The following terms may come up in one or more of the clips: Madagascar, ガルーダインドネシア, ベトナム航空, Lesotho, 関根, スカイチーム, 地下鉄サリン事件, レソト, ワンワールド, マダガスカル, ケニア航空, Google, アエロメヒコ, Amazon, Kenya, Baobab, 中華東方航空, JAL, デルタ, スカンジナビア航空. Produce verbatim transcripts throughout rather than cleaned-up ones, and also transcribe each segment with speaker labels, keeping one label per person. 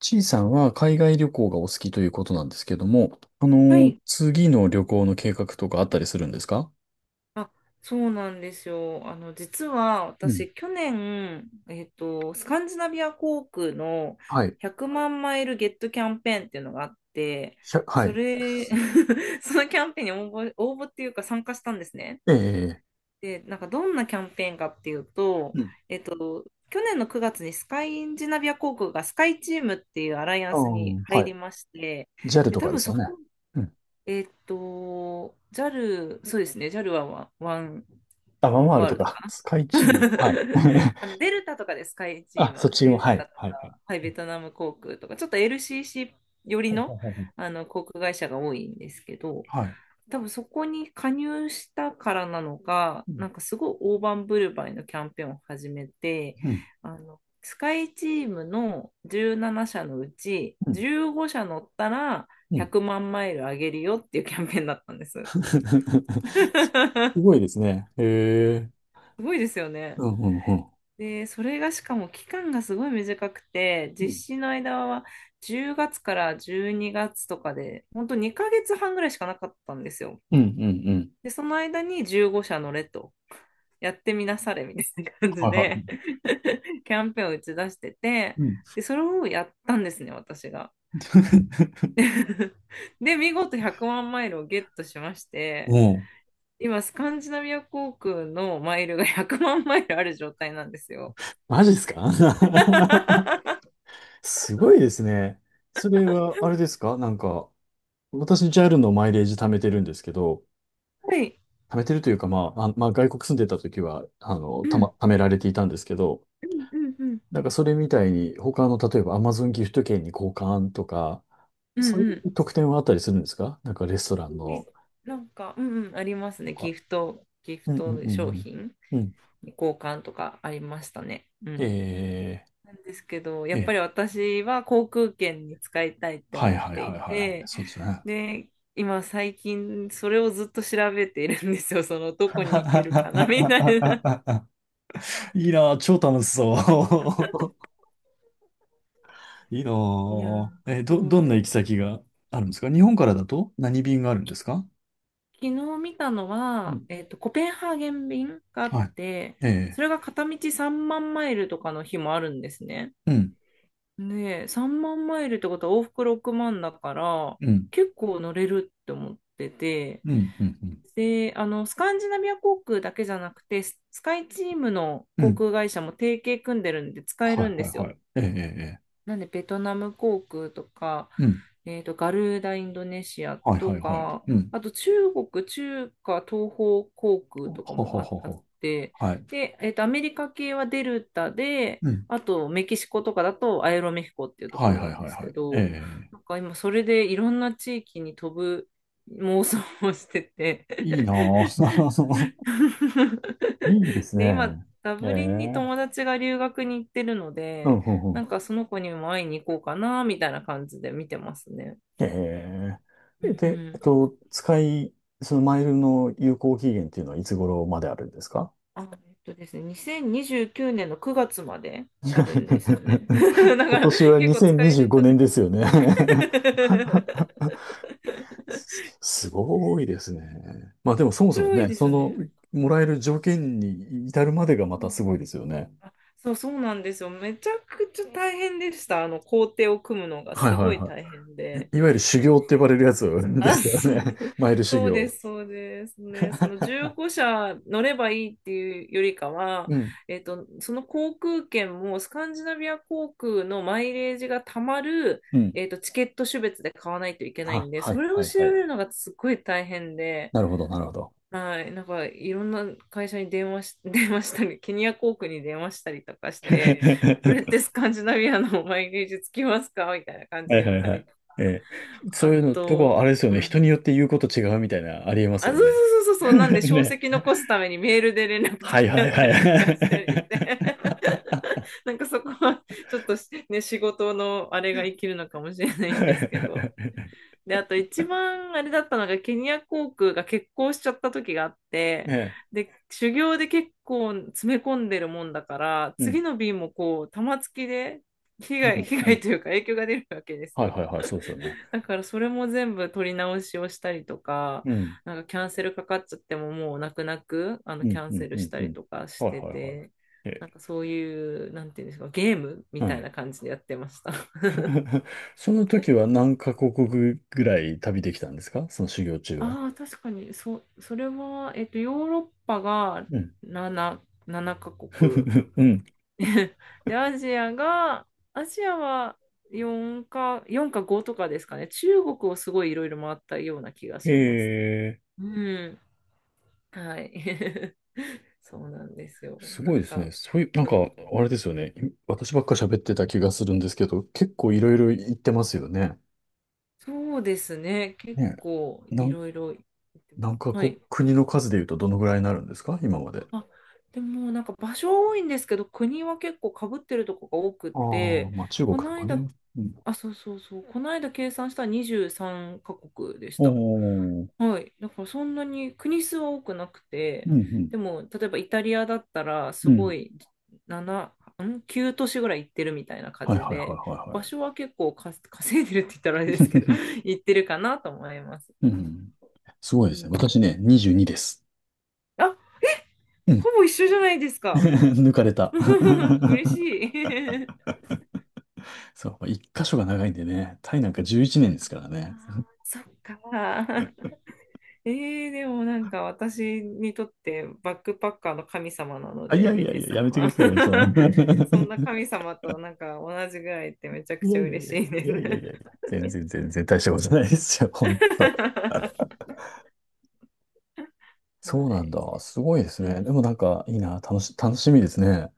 Speaker 1: ちいさんは海外旅行がお好きということなんですけども、あの
Speaker 2: は
Speaker 1: ー
Speaker 2: い。
Speaker 1: 次の旅行の計画とかあったりするんですか？
Speaker 2: あ、そうなんですよ。あの、実は
Speaker 1: うん。
Speaker 2: 私、去年、えっと、スカンジナビア航空の
Speaker 1: はい。
Speaker 2: ひゃくまんマイルゲットキャンペーンっていうのがあって、
Speaker 1: ひゃは
Speaker 2: そ
Speaker 1: い。
Speaker 2: れ、そのキャンペーンに応募、応募っていうか参加したんですね。
Speaker 1: ええ、
Speaker 2: で、なんかどんなキャンペーンかっていうと、
Speaker 1: うん。
Speaker 2: えっと、去年のくがつにスカインジナビア航空がスカイチームっていうアライア
Speaker 1: あ
Speaker 2: ン
Speaker 1: あ
Speaker 2: スに
Speaker 1: は
Speaker 2: 入
Speaker 1: い。
Speaker 2: りまして、
Speaker 1: ジ a ル
Speaker 2: で、
Speaker 1: と
Speaker 2: 多
Speaker 1: かで
Speaker 2: 分
Speaker 1: す
Speaker 2: そ
Speaker 1: よね。
Speaker 2: こ
Speaker 1: うん。
Speaker 2: えーっと、ジャル、そうですね、ジャルはワン、ワン、
Speaker 1: あ、ワ
Speaker 2: ワ
Speaker 1: ン
Speaker 2: ン
Speaker 1: ワール
Speaker 2: ワー
Speaker 1: ド
Speaker 2: ルド
Speaker 1: か。
Speaker 2: かな。
Speaker 1: スカイチーム。はい。
Speaker 2: あの、デルタとかです、スカイチー
Speaker 1: あ、
Speaker 2: ム
Speaker 1: そっ
Speaker 2: は。
Speaker 1: ち
Speaker 2: デ
Speaker 1: も、は
Speaker 2: ル
Speaker 1: い。
Speaker 2: タと
Speaker 1: はい。はい。
Speaker 2: か、はい、ベトナム航空とか、ちょっと エルシーシー 寄り
Speaker 1: ほうほう
Speaker 2: の、
Speaker 1: ほうほう
Speaker 2: あの航空会社が多いんですけど、
Speaker 1: はい。
Speaker 2: 多分そこに加入したからなのか、
Speaker 1: うん
Speaker 2: なんかすごい大盤振る舞いのキャンペーンを始めて、
Speaker 1: うん
Speaker 2: あの、スカイチームのじゅうなな社のうち
Speaker 1: うん。
Speaker 2: じゅうご社乗ったら
Speaker 1: うん
Speaker 2: ひゃくまんマイルあげるよっていうキャンペーンだったんです。
Speaker 1: すごい ですね。へえ。
Speaker 2: すごいですよね。
Speaker 1: うんうんうん。
Speaker 2: で、それがしかも期間がすごい短くて、
Speaker 1: う
Speaker 2: 実
Speaker 1: ん
Speaker 2: 施の間はじゅうがつからじゅうにがつとかで、本当にかげつはんぐらいしかなかったんですよ。
Speaker 1: うんうん。
Speaker 2: で、その間にじゅうご社乗れと。やってみなされみたいな感
Speaker 1: は
Speaker 2: じ
Speaker 1: いは
Speaker 2: で
Speaker 1: い。
Speaker 2: キャンペーンを打ち出してて、
Speaker 1: うん。
Speaker 2: で、それをやったんですね、私が で、見事ひゃくまんマイルをゲットしまし
Speaker 1: も
Speaker 2: て、
Speaker 1: う
Speaker 2: 今、スカンジナビア航空のマイルが ひゃくまんマイルある状態なんですよ
Speaker 1: マジですか？
Speaker 2: は
Speaker 1: すごいですね。それは、あれですかなんか、私、ジャル のマイレージ貯めてるんですけど、
Speaker 2: い。
Speaker 1: 貯めてるというか、まあ、あ、まあ、外国住んでた時は、あの、
Speaker 2: う
Speaker 1: たま、
Speaker 2: ん、
Speaker 1: 貯められていたんですけど、
Speaker 2: うん、うん、うん、
Speaker 1: なんかそれみたいに、他の、例えば Amazon ギフト券に交換とか、
Speaker 2: うん、
Speaker 1: そうい
Speaker 2: うん。
Speaker 1: う特典はあったりするんですか？なんかレストラン
Speaker 2: はい、
Speaker 1: の、
Speaker 2: なんか、うんうん、あります
Speaker 1: と
Speaker 2: ね。ギ
Speaker 1: か。
Speaker 2: フト、ギフ
Speaker 1: うんうん
Speaker 2: ト
Speaker 1: うん
Speaker 2: 商品
Speaker 1: うん。うん。
Speaker 2: に交換とかありましたね。うん。
Speaker 1: ええ
Speaker 2: なんですけど、やっ
Speaker 1: え
Speaker 2: ぱ
Speaker 1: え
Speaker 2: り私は航空券に使いたいって
Speaker 1: はい
Speaker 2: 思っ
Speaker 1: はい
Speaker 2: て
Speaker 1: はい
Speaker 2: い
Speaker 1: はいはい。
Speaker 2: て、
Speaker 1: そうですね。
Speaker 2: で、今最近それをずっと調べているんですよ。そのどこに行けるかなみたいな。
Speaker 1: いいなぁ、超楽しそう。いいな
Speaker 2: いやー、
Speaker 1: ぁ。え、
Speaker 2: そ
Speaker 1: ど、どんな行き
Speaker 2: う。
Speaker 1: 先があるんですか？日本からだと何便があるんですか？
Speaker 2: 昨日見たの
Speaker 1: う
Speaker 2: は、
Speaker 1: ん。
Speaker 2: えっと、コペンハーゲン便があっ
Speaker 1: はい。
Speaker 2: て、
Speaker 1: え
Speaker 2: そ
Speaker 1: え。
Speaker 2: れが片道さんまんマイルとかの日もあるんですね。
Speaker 1: うん。
Speaker 2: で、さんまんマイルってことは往復ろくまんだから、
Speaker 1: うん。
Speaker 2: 結構乗れるって思ってて、
Speaker 1: うん。うん。うん。
Speaker 2: で、あの、スカンジナビア航空だけじゃなくて、ススカイチームの
Speaker 1: う
Speaker 2: 航
Speaker 1: ん
Speaker 2: 空会社も提携組んでるんで使え
Speaker 1: は
Speaker 2: るん
Speaker 1: い
Speaker 2: で
Speaker 1: はい
Speaker 2: す
Speaker 1: は
Speaker 2: よ。
Speaker 1: い。ええ。ええええ
Speaker 2: なんで、ベトナム航空とか、
Speaker 1: うん。
Speaker 2: えーと、ガルーダインドネシア
Speaker 1: はいは
Speaker 2: と
Speaker 1: いはい。
Speaker 2: か、
Speaker 1: うん。
Speaker 2: あと中国、中華東方航空とか
Speaker 1: ほ
Speaker 2: も
Speaker 1: ほ
Speaker 2: あ、
Speaker 1: ほ
Speaker 2: あっ
Speaker 1: ほ。
Speaker 2: て、
Speaker 1: はい。
Speaker 2: で、えーと、アメリカ系はデルタで、
Speaker 1: うん。
Speaker 2: あとメキシコとかだとアエロメヒコっていうとこ
Speaker 1: はい
Speaker 2: ろ
Speaker 1: は
Speaker 2: な
Speaker 1: い
Speaker 2: ん
Speaker 1: は
Speaker 2: で
Speaker 1: い
Speaker 2: す
Speaker 1: は
Speaker 2: け
Speaker 1: い。え
Speaker 2: ど、
Speaker 1: え。
Speaker 2: なんか今それでいろんな地域に飛ぶ妄想をしてて。
Speaker 1: いいなぁ。いいです
Speaker 2: で、今、
Speaker 1: ね。
Speaker 2: ダ
Speaker 1: え
Speaker 2: ブリンに
Speaker 1: え。
Speaker 2: 友達が留学に行ってるの
Speaker 1: う
Speaker 2: で、
Speaker 1: ん、うん、う
Speaker 2: な
Speaker 1: ん
Speaker 2: んかその子にも会いに行こうかな、みたいな感じで見てますね。
Speaker 1: え
Speaker 2: う
Speaker 1: えで、えっ
Speaker 2: ん。
Speaker 1: と、使い、そのマイルの有効期限っていうのはいつ頃まであるんですか？
Speaker 2: あ、えっとですね、にせんにじゅうきゅうねんのくがつまであるんですよね。だ
Speaker 1: 今
Speaker 2: から
Speaker 1: 年は
Speaker 2: 結構使え
Speaker 1: 2025
Speaker 2: るんじゃな
Speaker 1: 年
Speaker 2: い
Speaker 1: で
Speaker 2: か
Speaker 1: す
Speaker 2: な。
Speaker 1: よね？ すすごいですね。まあでもそもそも
Speaker 2: 広い
Speaker 1: ね、
Speaker 2: です
Speaker 1: そ
Speaker 2: よ
Speaker 1: の、
Speaker 2: ね。
Speaker 1: もらえる条件に至るまでがま
Speaker 2: う
Speaker 1: た
Speaker 2: ん、
Speaker 1: すごいですよね。
Speaker 2: あ、そうそうなんですよ。めちゃくちゃ大変でした。あの工程を組むのが
Speaker 1: はい
Speaker 2: す
Speaker 1: はい
Speaker 2: ごい
Speaker 1: は
Speaker 2: 大変で。
Speaker 1: い。いわゆる修行って呼ばれるやつで
Speaker 2: あ、
Speaker 1: すよ
Speaker 2: そう。
Speaker 1: ね。マイル修
Speaker 2: そうで
Speaker 1: 行。
Speaker 2: す、そうですね。その じゅうご社乗ればいいっていうよりかは、
Speaker 1: うん。
Speaker 2: えっと、その航空券もスカンジナビア航空のマイレージがたまる、
Speaker 1: うん。
Speaker 2: えっと、チケット種別で買わないといけない
Speaker 1: あ、
Speaker 2: んで、
Speaker 1: は
Speaker 2: そ
Speaker 1: い
Speaker 2: れを
Speaker 1: はい
Speaker 2: 調
Speaker 1: はい。
Speaker 2: べるのがすっごい大変で、
Speaker 1: なるほどなるほど。
Speaker 2: はい、なんかいろんな会社に電話し、電話したり、ケニア航空に電話したりとかして、これっ てスカンジナビアのマイレージつきますかみたいな感じ
Speaker 1: は
Speaker 2: で
Speaker 1: い
Speaker 2: 言っ
Speaker 1: はい
Speaker 2: た
Speaker 1: は
Speaker 2: り、
Speaker 1: い。ええ、そ
Speaker 2: あ
Speaker 1: ういうのとこ、
Speaker 2: と、
Speaker 1: あれですよ
Speaker 2: う
Speaker 1: ね。
Speaker 2: ん、
Speaker 1: 人によって言うこと違うみたいな、ありえます
Speaker 2: あ、
Speaker 1: よ
Speaker 2: そう
Speaker 1: ね。
Speaker 2: そうそうそうそう、なん で、証
Speaker 1: ね。
Speaker 2: 跡残すためにメールで連絡取
Speaker 1: はい
Speaker 2: り
Speaker 1: は
Speaker 2: 合
Speaker 1: い
Speaker 2: っ
Speaker 1: は
Speaker 2: たりとかした
Speaker 1: い。
Speaker 2: りして、なんかそこは、ちょっとしね、仕事のあれが生きるのかもしれないんですけど。で、あと一番あれだったのが、ケニア航空が欠航しちゃった時があっ て、
Speaker 1: ね。
Speaker 2: で、修行で結構詰め込んでるもんだから、
Speaker 1: う
Speaker 2: 次
Speaker 1: ん。
Speaker 2: の便もこう、玉突きで被
Speaker 1: う
Speaker 2: 害、
Speaker 1: ん。
Speaker 2: 被
Speaker 1: う
Speaker 2: 害
Speaker 1: ん。
Speaker 2: というか影響が出るわけです
Speaker 1: はい
Speaker 2: よ。
Speaker 1: はいはい。そうですよね。
Speaker 2: だからそれも全部取り直しをしたりとか、
Speaker 1: うん。
Speaker 2: なんかキャンセルかかっちゃってももう泣く泣く、あの、
Speaker 1: う
Speaker 2: キ
Speaker 1: ん。
Speaker 2: ャン
Speaker 1: う
Speaker 2: セ
Speaker 1: ん。う
Speaker 2: ルし
Speaker 1: ん。
Speaker 2: た
Speaker 1: う
Speaker 2: り
Speaker 1: ん。
Speaker 2: とか
Speaker 1: は
Speaker 2: し
Speaker 1: い
Speaker 2: て
Speaker 1: はいはい。
Speaker 2: て、
Speaker 1: ええ、
Speaker 2: なんかそういう、なんていうんですか、ゲームみ
Speaker 1: は
Speaker 2: たい
Speaker 1: い。
Speaker 2: な感じでやってました。
Speaker 1: その時は何カ国ぐらい旅できたんですか？その修行中は。
Speaker 2: ああ、確かに、そ、それは、えっと、ヨーロッパが
Speaker 1: うん。
Speaker 2: なな、ななカ国。
Speaker 1: うん。
Speaker 2: で、アジアが、アジアは4か、よんかごとかですかね。中国をすごいいろいろ回ったような気が
Speaker 1: へ
Speaker 2: します。
Speaker 1: え。
Speaker 2: うん。はい。そうなんですよ。
Speaker 1: す
Speaker 2: な
Speaker 1: ごい
Speaker 2: ん
Speaker 1: です
Speaker 2: か、
Speaker 1: ね。そういう、なんか、あれですよね。い私ばっか喋ってた気がするんですけど、結構いろいろ言ってますよね。
Speaker 2: そうですね。結
Speaker 1: ね
Speaker 2: 構
Speaker 1: え。な
Speaker 2: い
Speaker 1: ん、
Speaker 2: ろいろ行ってま
Speaker 1: なんか
Speaker 2: す。は
Speaker 1: こ
Speaker 2: い。
Speaker 1: う、国の数で言うとどのぐらいになるんですか？今まで。
Speaker 2: あ、でもなんか場所は多いんですけど、国は結構かぶってるとこが多くっ
Speaker 1: ああ、
Speaker 2: て、
Speaker 1: まあ中国
Speaker 2: こ
Speaker 1: と
Speaker 2: の
Speaker 1: か
Speaker 2: 間、
Speaker 1: ね。うん。
Speaker 2: あ、そうそうそう。この間計算したらにじゅうさんカ国でし
Speaker 1: お
Speaker 2: た。
Speaker 1: ー。
Speaker 2: はい。だからそんなに国数は多くなくて、
Speaker 1: うん、う
Speaker 2: でも例えばイタリアだったら
Speaker 1: ん、
Speaker 2: す
Speaker 1: う
Speaker 2: ご
Speaker 1: ん。
Speaker 2: いなな、ん ?きゅう 都市ぐらい行ってるみたいな感
Speaker 1: はい
Speaker 2: じ
Speaker 1: はい
Speaker 2: で、場
Speaker 1: は
Speaker 2: 所は結構か稼いでるって言ったらあれ
Speaker 1: い
Speaker 2: で
Speaker 1: は
Speaker 2: すけど、
Speaker 1: い は
Speaker 2: 行ってるかなと思います。
Speaker 1: い。うん。すご
Speaker 2: う
Speaker 1: いですね。
Speaker 2: ん、
Speaker 1: 私ね、にじゅうにです。
Speaker 2: あ、
Speaker 1: うん。
Speaker 2: ほぼ一緒じゃないです か。
Speaker 1: 抜かれた。
Speaker 2: 嬉しい。
Speaker 1: そう、一箇所が長いんでね、タイなんかじゅういちねんですか
Speaker 2: あー、
Speaker 1: らね。
Speaker 2: そっか。えー、でもなんか私にとってバックパッカーの神様なの
Speaker 1: あ、い
Speaker 2: で、
Speaker 1: やい
Speaker 2: ベ
Speaker 1: や
Speaker 2: ネ
Speaker 1: いや、
Speaker 2: さ
Speaker 1: や
Speaker 2: ん
Speaker 1: めてく
Speaker 2: は。
Speaker 1: だ さいよ、そんな。い
Speaker 2: そんな神様となんか同じぐらいってめちゃく
Speaker 1: やい
Speaker 2: ち
Speaker 1: や
Speaker 2: ゃ
Speaker 1: いやい
Speaker 2: 嬉
Speaker 1: や、
Speaker 2: しいで
Speaker 1: い
Speaker 2: す。
Speaker 1: やいやいやいや、全然全然大したことないですよ、ほんと。
Speaker 2: は
Speaker 1: そうなん
Speaker 2: い。
Speaker 1: だ。すごいです
Speaker 2: う
Speaker 1: ね。で
Speaker 2: ん。
Speaker 1: もなんか、いいな、楽し、楽しみですね。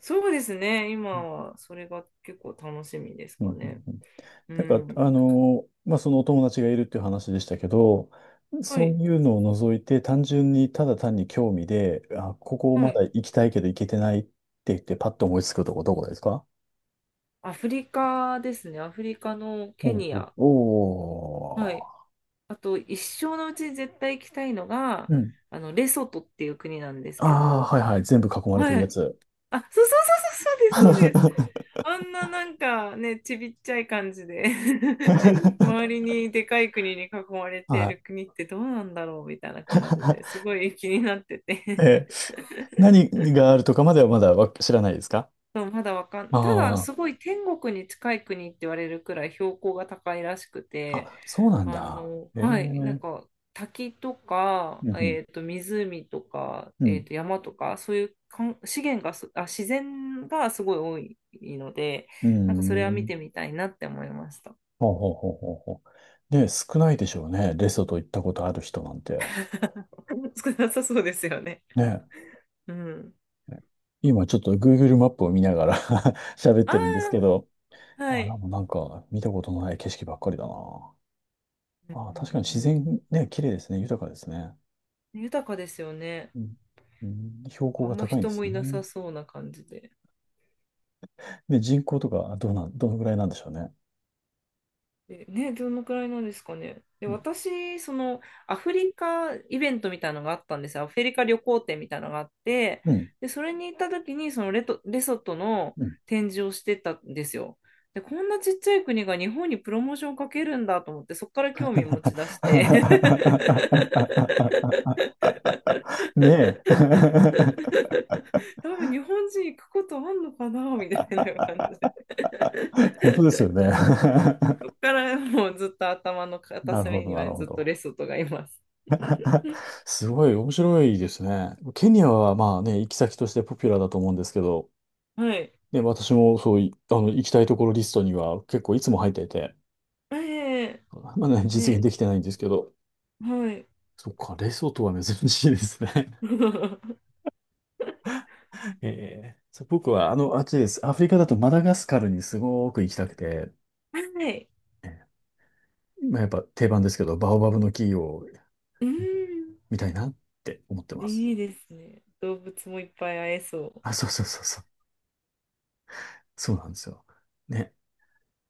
Speaker 2: そうですね。
Speaker 1: う
Speaker 2: 今
Speaker 1: ん
Speaker 2: はそれが結構楽しみです
Speaker 1: う
Speaker 2: か
Speaker 1: んう
Speaker 2: ね。
Speaker 1: ん
Speaker 2: う
Speaker 1: なんか、
Speaker 2: ん。
Speaker 1: あの、まあ、そのお友達がいるっていう話でしたけど、
Speaker 2: は
Speaker 1: そう
Speaker 2: い。
Speaker 1: いうのを除いて、単純にただ単に興味で、あ、ここ
Speaker 2: は
Speaker 1: まだ
Speaker 2: い。
Speaker 1: 行きたいけど行けてないって言って、パッと思いつくとこどこですか？
Speaker 2: アフリカですね。アフリカのケ
Speaker 1: おう
Speaker 2: ニ
Speaker 1: おう、
Speaker 2: ア。は
Speaker 1: お
Speaker 2: い。あと一生のうちに絶対行きたいのが、
Speaker 1: ううん。
Speaker 2: あの、レソトっていう国なんですけ
Speaker 1: ああ、
Speaker 2: ど、
Speaker 1: はいはい。全部囲まれてる
Speaker 2: は
Speaker 1: や
Speaker 2: い。
Speaker 1: つ。
Speaker 2: あ、そうそうそうそう、そうです、そうです。あんな、なんかね、ちびっちゃい感じで、 周りにでかい国に囲まれてい
Speaker 1: は
Speaker 2: る
Speaker 1: い。
Speaker 2: 国ってどうなんだろうみたいな感じです ごい気になってて、
Speaker 1: えー、何があるとかまではまだわ知らないですか？
Speaker 2: そう、まだわかん、ただ
Speaker 1: あ
Speaker 2: すごい天国に近い国って言われるくらい標高が高いらしく
Speaker 1: あ、
Speaker 2: て、
Speaker 1: あ、そうなん
Speaker 2: あ
Speaker 1: だ。
Speaker 2: の、
Speaker 1: ええ
Speaker 2: はい、なん
Speaker 1: う
Speaker 2: か滝とか、
Speaker 1: ん
Speaker 2: えーと、湖とか、
Speaker 1: う
Speaker 2: えー
Speaker 1: ん、
Speaker 2: と、山とか、そういうかん資源がす、あ、自然がすごい多いので、
Speaker 1: う
Speaker 2: なんかそれは
Speaker 1: ん、う
Speaker 2: 見て
Speaker 1: ん。
Speaker 2: みたいなって思いました。
Speaker 1: ほうほうほうほうほう。ね、少ないでしょうね。レソト行ったことある人なんて。
Speaker 2: 少なさそうですよね。
Speaker 1: ね。
Speaker 2: うん。
Speaker 1: 今ちょっと Google マップを見ながら 喋ってるんですけ
Speaker 2: あ
Speaker 1: ど、
Speaker 2: あ、は
Speaker 1: あ、な
Speaker 2: い。
Speaker 1: んかなんか見たことのない景色ばっかりだな。
Speaker 2: うん
Speaker 1: あ、
Speaker 2: うん
Speaker 1: 確かに
Speaker 2: うんう
Speaker 1: 自
Speaker 2: ん。
Speaker 1: 然ね、綺麗ですね。豊かですね。
Speaker 2: 豊かですよね。
Speaker 1: うん、うん標高
Speaker 2: あ
Speaker 1: が
Speaker 2: んま
Speaker 1: 高いんで
Speaker 2: 人も
Speaker 1: す
Speaker 2: いな
Speaker 1: ね。
Speaker 2: さそうな感じで。
Speaker 1: で、人口とかどうなん、どのぐらいなんでしょうね。
Speaker 2: えね、どのくらいなんですかね。で、
Speaker 1: う
Speaker 2: 私、その、アフリカイベントみたいなのがあったんですよ。アフリカ旅行展みたいなのがあって、
Speaker 1: ん。
Speaker 2: で、それに行った時に、そのレト、レソトの
Speaker 1: うん。
Speaker 2: 展示をしてたんですよ。で、こんなちっちゃい国が日本にプロモーションをかけるんだと思って、そこから興味持ち出して。
Speaker 1: ねえ。
Speaker 2: 多分日本人行くことあんのかなみたいな感じで
Speaker 1: 本当ですよね。
Speaker 2: そこから、 もうずっと頭の片
Speaker 1: なるほ
Speaker 2: 隅
Speaker 1: ど、
Speaker 2: に
Speaker 1: なる
Speaker 2: は
Speaker 1: ほ
Speaker 2: ずっと
Speaker 1: ど。
Speaker 2: レソトがいます。
Speaker 1: すごい面白いですね。ケニアはまあね、行き先としてポピュラーだと思うんですけど、
Speaker 2: はい。
Speaker 1: ね、私もそうい、あの、行きたいところリストには結構いつも入っていて、
Speaker 2: ええ、
Speaker 1: まだね、実
Speaker 2: ね、
Speaker 1: 現できてないんですけど、
Speaker 2: はい。
Speaker 1: そっか、レソトは珍しいですね。ええそう僕は、あの、あっちです。アフリカだとマダガスカルにすごく行きたくて、
Speaker 2: はい。
Speaker 1: ええまあ、やっぱ定番ですけど、バオバブの木を
Speaker 2: うん。
Speaker 1: 見たいなって思ってます。
Speaker 2: いいですね。動物もいっぱい会えそう。
Speaker 1: あ、そうそうそうそう。そうなんですよ。ね。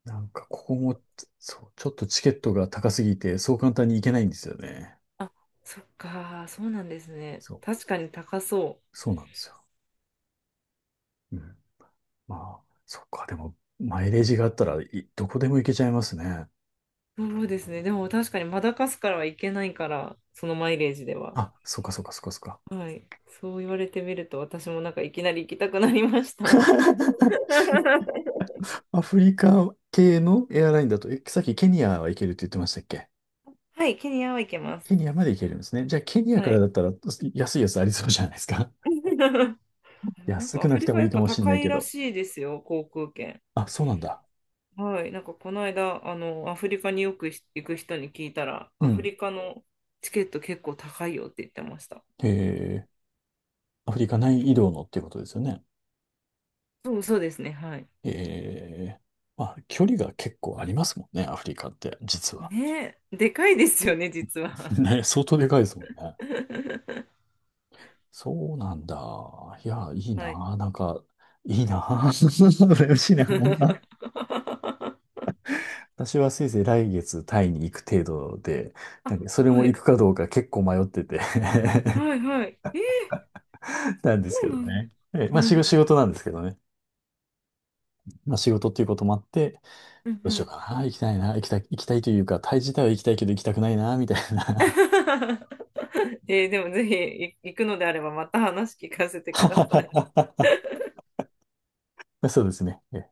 Speaker 1: なんか、ここも、そう、ちょっとチケットが高すぎて、そう簡単に行けないんですよね。
Speaker 2: あ、そっか、そうなんですね。
Speaker 1: そう、
Speaker 2: 確かに高そ
Speaker 1: そうなんですよ。うん。まあ、そっか、でも、マイレージがあったらい、どこでも行けちゃいますね。
Speaker 2: う。そうですね。でも確かにマダガスカルはいけないから、そのマイレージでは。
Speaker 1: あ、そっかそっかそっかそっか。
Speaker 2: はい。そう言われてみると、私もなんかいきなり行きたくなりました。
Speaker 1: アフリカ系のエアラインだと、え、さっきケニアは行けるって言ってましたっけ？
Speaker 2: はい、ケニアはいけます。
Speaker 1: ケニアまで行けるんですね。じゃあ、ケニア
Speaker 2: は
Speaker 1: から
Speaker 2: い。
Speaker 1: だったら安いやつありそうじゃないですか？
Speaker 2: でもなん
Speaker 1: 安
Speaker 2: か
Speaker 1: く
Speaker 2: ア
Speaker 1: な
Speaker 2: フ
Speaker 1: く
Speaker 2: リ
Speaker 1: て
Speaker 2: カ
Speaker 1: もい
Speaker 2: や
Speaker 1: い
Speaker 2: っ
Speaker 1: か
Speaker 2: ぱ
Speaker 1: もしれな
Speaker 2: 高
Speaker 1: い
Speaker 2: い
Speaker 1: け
Speaker 2: ら
Speaker 1: ど。
Speaker 2: しいですよ、航空券。
Speaker 1: あ、そうなんだ。
Speaker 2: はい、なんかこの間、あの、アフリカによく行く人に聞いたら、
Speaker 1: う
Speaker 2: アフ
Speaker 1: ん。
Speaker 2: リカのチケット結構高いよって言ってました。
Speaker 1: へえ、アフリカ内移動のっていうことですよね？
Speaker 2: そうそうですね、はい。
Speaker 1: へえ、まあ、距離が結構ありますもんね、アフリカって、実は。
Speaker 2: ねえ、でかいですよね、実 は。
Speaker 1: ね、相当でかいですもんね。そうなんだ。いや、いい
Speaker 2: はい。
Speaker 1: な。なんか、いいな。嬉しいな。私はせいぜい来月タイに行く程度で、な
Speaker 2: あ、
Speaker 1: んかそれも
Speaker 2: は
Speaker 1: 行
Speaker 2: い。
Speaker 1: くかどうか結構迷ってて
Speaker 2: はいはい。えー、
Speaker 1: なんで
Speaker 2: そ
Speaker 1: すけ
Speaker 2: うな
Speaker 1: ど
Speaker 2: ん
Speaker 1: ね。ええ、まあ仕
Speaker 2: だ。
Speaker 1: 事、仕 事なんですけどね。まあ仕事っていうこともあって、
Speaker 2: うん
Speaker 1: ど
Speaker 2: う
Speaker 1: うしよう
Speaker 2: ん。
Speaker 1: かな、行きたいな、行きたい、行きたいというか、タイ自体は行きたいけど行きたくないな、みたいな。
Speaker 2: えーでもぜひい行くのであればまた話聞かせてください。
Speaker 1: そうですね。ええ